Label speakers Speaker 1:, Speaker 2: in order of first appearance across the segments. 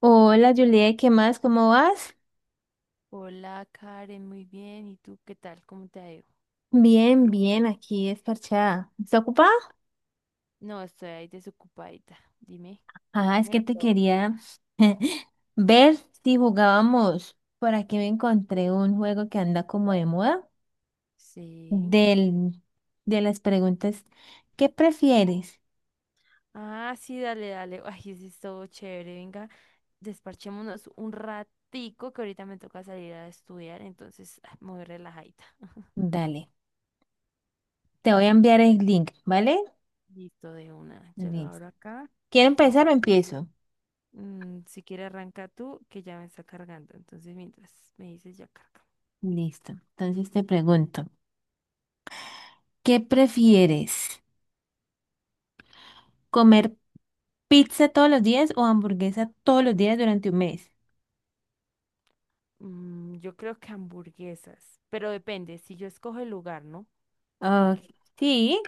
Speaker 1: Hola Juliet, ¿qué más? ¿Cómo vas?
Speaker 2: Hola Karen, muy bien. ¿Y tú qué tal? ¿Cómo te ha ido?
Speaker 1: Bien, bien, aquí es parchada. ¿Está ocupada?
Speaker 2: No, estoy ahí desocupadita. Dime,
Speaker 1: Ah, es que
Speaker 2: dímelo
Speaker 1: te
Speaker 2: todo.
Speaker 1: quería ver si jugábamos. Por aquí me encontré un juego que anda como de moda
Speaker 2: Sí.
Speaker 1: del, de las preguntas. ¿Qué prefieres?
Speaker 2: Ah, sí, dale, dale. Ay, sí, es todo chévere. Venga, desparchémonos un ratico que ahorita me toca salir a estudiar, entonces muy relajadita.
Speaker 1: Dale, te voy a enviar el link, ¿vale?
Speaker 2: Listo de una, ya lo
Speaker 1: Listo.
Speaker 2: abro acá.
Speaker 1: ¿Quiero
Speaker 2: Y
Speaker 1: empezar o empiezo?
Speaker 2: si quieres arranca tú, que ya me está cargando. Entonces, mientras me dices, ya carga.
Speaker 1: Listo. Entonces te pregunto, ¿qué prefieres? Comer pizza todos los días o hamburguesa todos los días durante un mes.
Speaker 2: Mm, yo creo que hamburguesas, pero depende, si yo escojo el lugar, ¿no?
Speaker 1: Ah,
Speaker 2: Porque
Speaker 1: sí,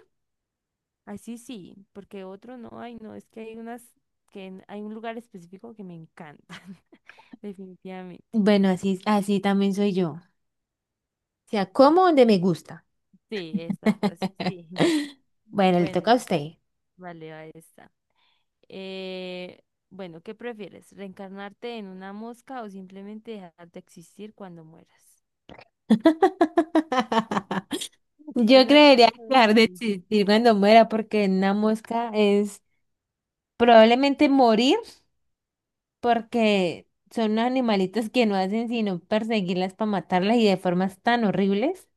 Speaker 2: así sí, sí, porque otro no, hay no, es que hay unas hay un lugar específico que me encantan, definitivamente.
Speaker 1: bueno, así, así también soy yo. O sea, como donde me gusta.
Speaker 2: Sí, exacto, así sí.
Speaker 1: Bueno, le toca
Speaker 2: Bueno,
Speaker 1: a usted.
Speaker 2: vale, ahí está. Eh, bueno, ¿qué prefieres? ¿Reencarnarte en una mosca o simplemente dejar de existir cuando mueras?
Speaker 1: Yo
Speaker 2: Esa está
Speaker 1: creería dejar
Speaker 2: chévere.
Speaker 1: de existir cuando muera porque una mosca es probablemente morir porque son unos animalitos que no hacen sino perseguirlas para matarlas y de formas tan horribles.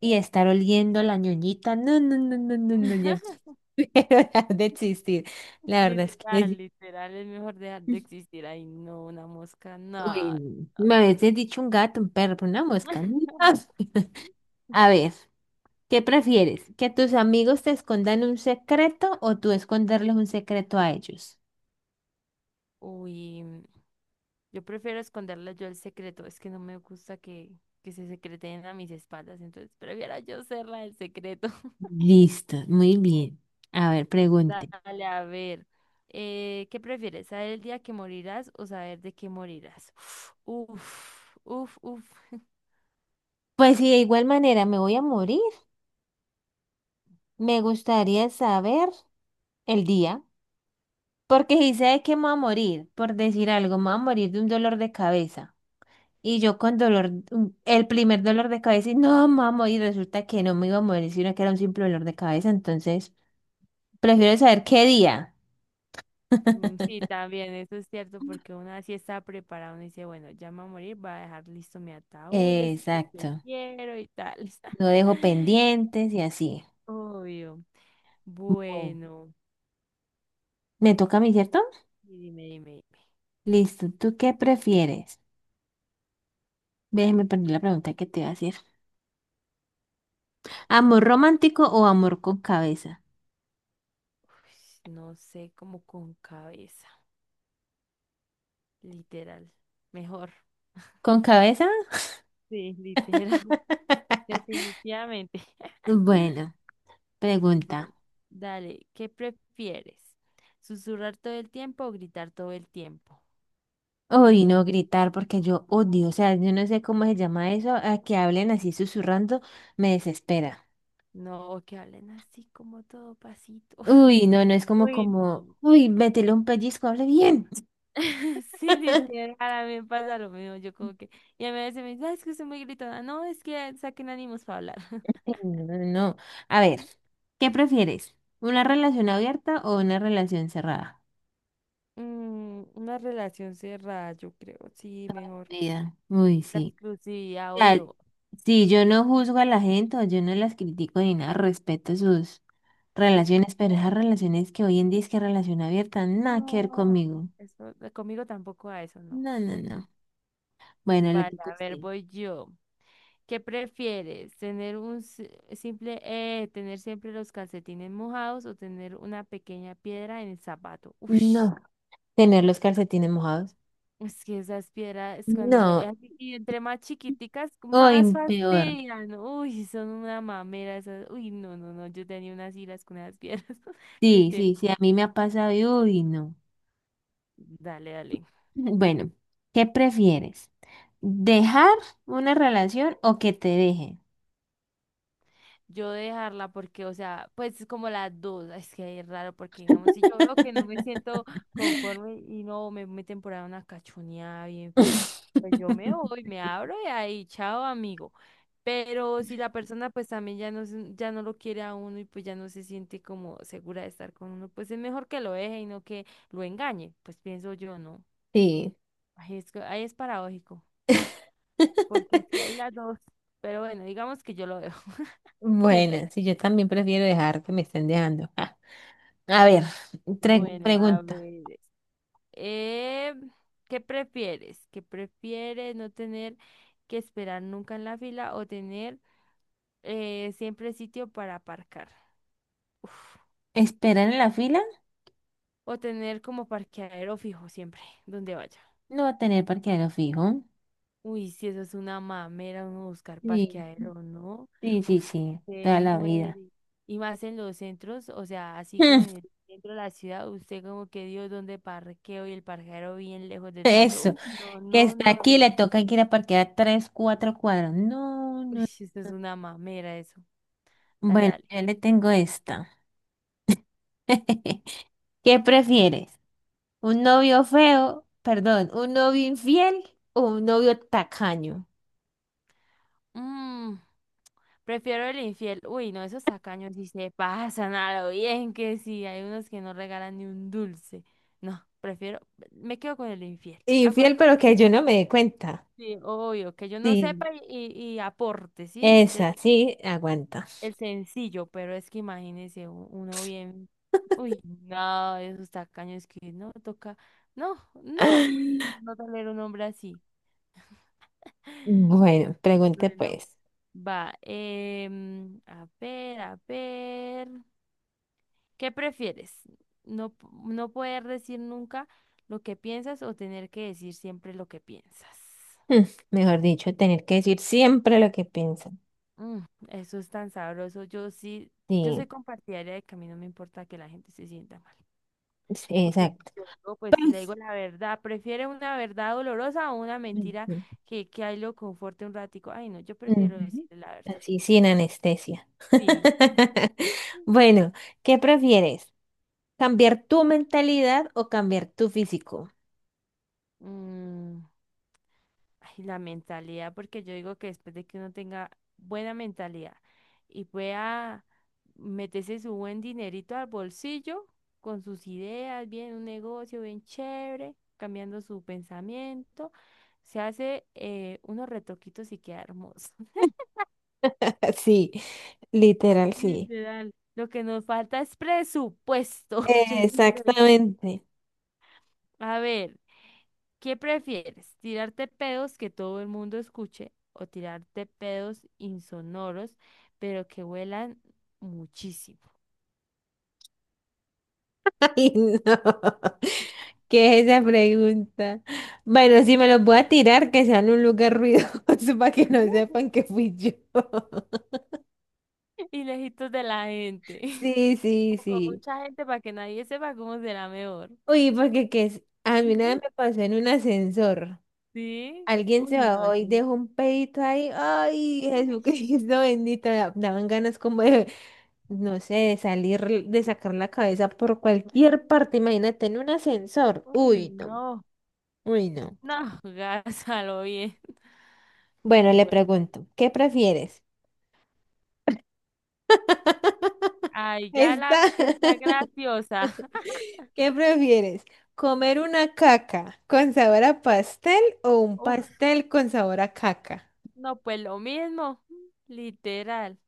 Speaker 1: Y estar oliendo la ñoñita. No, no, no, no, no, no, ya prefiero dejar de existir. La verdad es que
Speaker 2: Literal,
Speaker 1: sí.
Speaker 2: literal, es mejor dejar de existir. Ay, no, una mosca, no.
Speaker 1: Uy, me habéis dicho un gato, un perro, pero una mosca. ¿No? A ver, ¿qué prefieres? ¿Que tus amigos te escondan un secreto o tú esconderles un secreto a ellos?
Speaker 2: Uy. Yo prefiero esconderle yo el secreto, es que no me gusta que se secreten a mis espaldas, entonces prefiero yo ser la del secreto.
Speaker 1: Listo, muy bien. A ver, pregunte.
Speaker 2: Dale, a ver. ¿Qué prefieres? ¿Saber el día que morirás o saber de qué morirás? Uf, uf, uf.
Speaker 1: Pues si de igual manera me voy a morir, me gustaría saber el día. Porque si sé de qué me voy a morir, por decir algo, me voy a morir de un dolor de cabeza. Y yo con dolor, el primer dolor de cabeza, y no, me voy a morir, resulta que no me iba a morir, sino que era un simple dolor de cabeza. Entonces, prefiero saber qué día.
Speaker 2: Mm, sí, también, eso es cierto, porque uno así está preparado, uno dice, bueno, ya me voy a morir, voy a dejar listo mi ataúd, el sitio que
Speaker 1: Exacto.
Speaker 2: quiero y tal.
Speaker 1: No dejo pendientes y así.
Speaker 2: Obvio.
Speaker 1: Bueno,
Speaker 2: Bueno,
Speaker 1: me toca a mí, ¿cierto?
Speaker 2: y dime, dime.
Speaker 1: Listo. ¿Tú qué prefieres? Déjeme poner la pregunta que te iba a hacer. ¿Amor romántico o amor con cabeza?
Speaker 2: Ush, no sé, como con cabeza, literal. Mejor,
Speaker 1: ¿Con cabeza?
Speaker 2: sí, literal, definitivamente.
Speaker 1: Bueno, pregunta.
Speaker 2: Bueno. Dale, ¿qué prefieres? ¿Susurrar todo el tiempo o gritar todo el tiempo?
Speaker 1: Uy,
Speaker 2: Mm,
Speaker 1: no gritar porque yo odio, o sea, yo no sé cómo se llama eso, a que hablen así susurrando, me desespera.
Speaker 2: no, que hablen así como todo pasito.
Speaker 1: Uy, no, no es como
Speaker 2: Uy,
Speaker 1: como,
Speaker 2: no.
Speaker 1: uy, métele un pellizco, hable bien.
Speaker 2: Sí, literal, a mí me pasa lo mismo. Yo como que, y a veces me dicen, "Ah, es que soy muy gritona. No, es que saquen ánimos para hablar.
Speaker 1: Sí, no, no, no. A ver, ¿qué prefieres? ¿Una relación abierta o una relación cerrada?
Speaker 2: Mm, una relación cerrada, yo creo. Sí, mejor.
Speaker 1: Vida. Uy,
Speaker 2: La
Speaker 1: sí.
Speaker 2: exclusividad,
Speaker 1: O sea,
Speaker 2: obvio.
Speaker 1: sí, yo no juzgo a la gente o yo no las critico ni nada, respeto sus
Speaker 2: Sus...
Speaker 1: relaciones, pero esas relaciones que hoy en día es que relación abierta, nada que ver
Speaker 2: No,
Speaker 1: conmigo.
Speaker 2: eso, conmigo tampoco a eso, no.
Speaker 1: No, no,
Speaker 2: Mm, mm.
Speaker 1: no. Bueno, le
Speaker 2: Vale,
Speaker 1: tocó a
Speaker 2: a ver,
Speaker 1: usted.
Speaker 2: voy yo. ¿Qué prefieres? ¿Tener un simple, tener siempre los calcetines mojados o tener una pequeña piedra en el zapato? Ush,
Speaker 1: No. Tener los calcetines mojados.
Speaker 2: es que esas piedras
Speaker 1: No.
Speaker 2: y entre más chiquiticas,
Speaker 1: Hoy
Speaker 2: más
Speaker 1: peor.
Speaker 2: fastidian. Uy, son una mamera esas. Uy, no, no, no. Yo tenía unas iras con esas piedras.
Speaker 1: Sí,
Speaker 2: Literal.
Speaker 1: sí, sí, a mí me ha pasado y uy, no.
Speaker 2: Dale, dale.
Speaker 1: Bueno, ¿qué prefieres? ¿Dejar una relación o que te dejen?
Speaker 2: Yo dejarla porque, o sea, pues es como las dos, es que es raro porque, digamos, si yo veo que no me siento conforme y no me meten por ahí una cachoneada bien fea, pues yo me voy, me abro y ahí, chao amigo. Pero si la persona pues también ya ya no lo quiere a uno y pues ya no se siente como segura de estar con uno, pues es mejor que lo deje y no que lo engañe, pues pienso yo, ¿no?
Speaker 1: Sí.
Speaker 2: Ahí es, ahí es paradójico, porque es que hay las dos, pero bueno, digamos que yo lo dejo siempre.
Speaker 1: Bueno, sí, yo también prefiero dejar que me estén dejando. Ah, a ver,
Speaker 2: Bueno, a
Speaker 1: pregunta.
Speaker 2: ver. Eh, ¿Qué prefieres? ¿Qué prefieres no tener que esperar nunca en la fila o tener siempre sitio para aparcar? Uf.
Speaker 1: ¿Esperar en la fila?
Speaker 2: O tener como parqueadero fijo siempre, donde vaya.
Speaker 1: No tener parqueadero fijo.
Speaker 2: Uy, si eso es una mamera, uno buscar
Speaker 1: Sí,
Speaker 2: parqueadero, ¿no?
Speaker 1: sí, sí, sí,
Speaker 2: Usted
Speaker 1: toda la
Speaker 2: muere.
Speaker 1: vida.
Speaker 2: Y más en los centros, o sea, así como en el centro de la ciudad, usted como que Dios, ¿dónde parqueo? Y el parqueadero bien lejos del centro.
Speaker 1: Eso.
Speaker 2: Uy, no,
Speaker 1: Que
Speaker 2: no,
Speaker 1: está
Speaker 2: no,
Speaker 1: aquí,
Speaker 2: no.
Speaker 1: le toca que ir a parquear tres, cuatro cuadros. No,
Speaker 2: Uy,
Speaker 1: no,
Speaker 2: eso es
Speaker 1: no.
Speaker 2: una mamera eso. Dale,
Speaker 1: Bueno,
Speaker 2: dale.
Speaker 1: yo le tengo esta. ¿Qué prefieres? ¿Un novio feo? Perdón, ¿un novio infiel o un novio tacaño?
Speaker 2: Mm, prefiero el infiel. Uy, no, esos tacaños sí se pasan a lo bien que sí. Hay unos que no regalan ni un dulce. No, prefiero, me quedo con el infiel.
Speaker 1: Infiel,
Speaker 2: Aguanto
Speaker 1: pero
Speaker 2: acá.
Speaker 1: que yo no me dé cuenta.
Speaker 2: Sí, obvio, que yo no
Speaker 1: Sí,
Speaker 2: sepa y aporte, ¿sí?
Speaker 1: esa, sí, aguanta.
Speaker 2: El sencillo, pero es que imagínese uno bien. Uy, no, esos tacaños que no toca. No, no, no tolero un hombre así.
Speaker 1: Bueno, pregunte
Speaker 2: Bueno.
Speaker 1: pues.
Speaker 2: Va, a ver, a ver. ¿Qué prefieres? No, no poder decir nunca lo que piensas o tener que decir siempre lo que piensas.
Speaker 1: Hmm, Mejor dicho, tener que decir siempre lo que piensan.
Speaker 2: Mm, eso es tan sabroso. Yo sí, yo
Speaker 1: Sí,
Speaker 2: soy compartidaria de que a mí no me importa que la gente se sienta mal.
Speaker 1: sí,
Speaker 2: Porque
Speaker 1: exacto.
Speaker 2: yo digo, pues si le digo la verdad, prefiere una verdad dolorosa o una mentira que ahí lo conforte un ratico. Ay, no, yo prefiero decir
Speaker 1: Ujú.
Speaker 2: la verdad.
Speaker 1: Así, sin anestesia.
Speaker 2: Sí.
Speaker 1: Bueno, ¿qué prefieres? ¿Cambiar tu mentalidad o cambiar tu físico?
Speaker 2: Mm, ay, la mentalidad, porque yo digo que después de que uno tenga buena mentalidad y pueda meterse su buen dinerito al bolsillo con sus ideas, bien un negocio bien chévere, cambiando su pensamiento, se hace unos retoquitos y queda hermoso.
Speaker 1: Sí, literal, sí.
Speaker 2: Literal. Lo que nos falta es presupuesto. Yo siempre he dicho,
Speaker 1: Exactamente.
Speaker 2: a ver. ¿Qué prefieres? ¿Tirarte pedos que todo el mundo escuche o tirarte pedos insonoros, pero que huelan muchísimo
Speaker 1: Ay, no. ¿Qué es esa pregunta? Bueno, si me los voy a tirar, que sea en un lugar ruidoso para que no sepan que fui yo.
Speaker 2: y lejitos de la gente?
Speaker 1: Sí, sí,
Speaker 2: O con
Speaker 1: sí.
Speaker 2: mucha gente para que nadie sepa cómo será mejor.
Speaker 1: Uy, porque a mí nada me pasó en un ascensor.
Speaker 2: ¿Sí?
Speaker 1: Alguien se
Speaker 2: Uy, no,
Speaker 1: bajó
Speaker 2: eso...
Speaker 1: y dejó un pedito ahí. Ay,
Speaker 2: Ish.
Speaker 1: Jesucristo bendito. Daban ganas como de, no sé, de salir, de sacar la cabeza por cualquier parte. Imagínate en un ascensor.
Speaker 2: Uy,
Speaker 1: Uy, no.
Speaker 2: no.
Speaker 1: Uy, no.
Speaker 2: No, gásalo bien.
Speaker 1: Bueno, le
Speaker 2: Bueno,
Speaker 1: pregunto, ¿qué prefieres?
Speaker 2: ay, ya la
Speaker 1: Está.
Speaker 2: vi que está graciosa.
Speaker 1: ¿Qué prefieres? ¿Comer una caca con sabor a pastel o un
Speaker 2: Uf,
Speaker 1: pastel con sabor a caca?
Speaker 2: no, pues lo mismo, literal.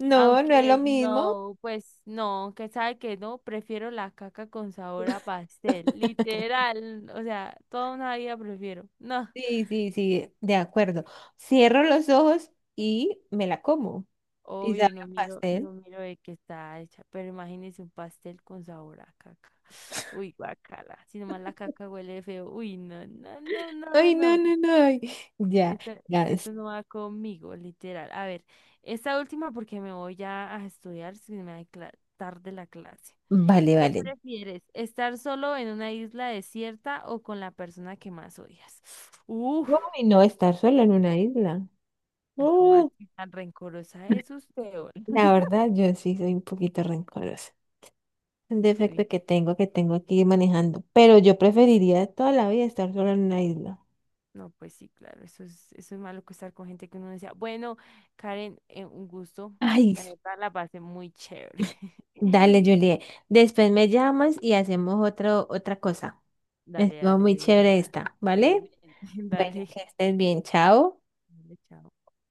Speaker 1: No, no es lo
Speaker 2: Aunque
Speaker 1: mismo.
Speaker 2: no, pues no, que sabe que no, prefiero la caca con sabor a pastel, literal, o sea, toda una vida prefiero. No,
Speaker 1: Sí, sí, sí, de acuerdo. Cierro los ojos y me la como. Y sabe
Speaker 2: obvio, no
Speaker 1: a
Speaker 2: miro,
Speaker 1: pastel.
Speaker 2: no miro de qué está hecha, pero imagínese un pastel con sabor a caca. Uy, guacala, si nomás la caca huele feo, uy, no, no, no, no,
Speaker 1: Ay, no,
Speaker 2: no,
Speaker 1: no, no, ay, ya,
Speaker 2: esto,
Speaker 1: ya.
Speaker 2: esto no va conmigo, literal. A ver, esta última porque me voy ya a estudiar, si me va a tarde la clase.
Speaker 1: Vale,
Speaker 2: ¿Qué
Speaker 1: vale.
Speaker 2: prefieres? ¿Estar solo en una isla desierta o con la persona que más odias? Uf,
Speaker 1: Uy, no, estar sola en una isla.
Speaker 2: ay, cómo
Speaker 1: Uh,
Speaker 2: así tan rencorosa es usted hoy.
Speaker 1: la verdad, yo sí soy un poquito rencorosa. Un
Speaker 2: Ay,
Speaker 1: defecto que tengo, que tengo que ir manejando. Pero yo preferiría toda la vida estar sola en una isla.
Speaker 2: no, pues sí, claro, eso es malo que estar con gente que uno decía, bueno, Karen, un gusto.
Speaker 1: Ay,
Speaker 2: La verdad la pasé muy chévere.
Speaker 1: dale, Juliet. Después me llamas y hacemos otro, otra cosa.
Speaker 2: Dale,
Speaker 1: Estuvo
Speaker 2: dale,
Speaker 1: muy
Speaker 2: de
Speaker 1: chévere
Speaker 2: una.
Speaker 1: esta, ¿vale?
Speaker 2: Sí,
Speaker 1: Bueno,
Speaker 2: dale,
Speaker 1: que estés bien, chao.
Speaker 2: dale, chao.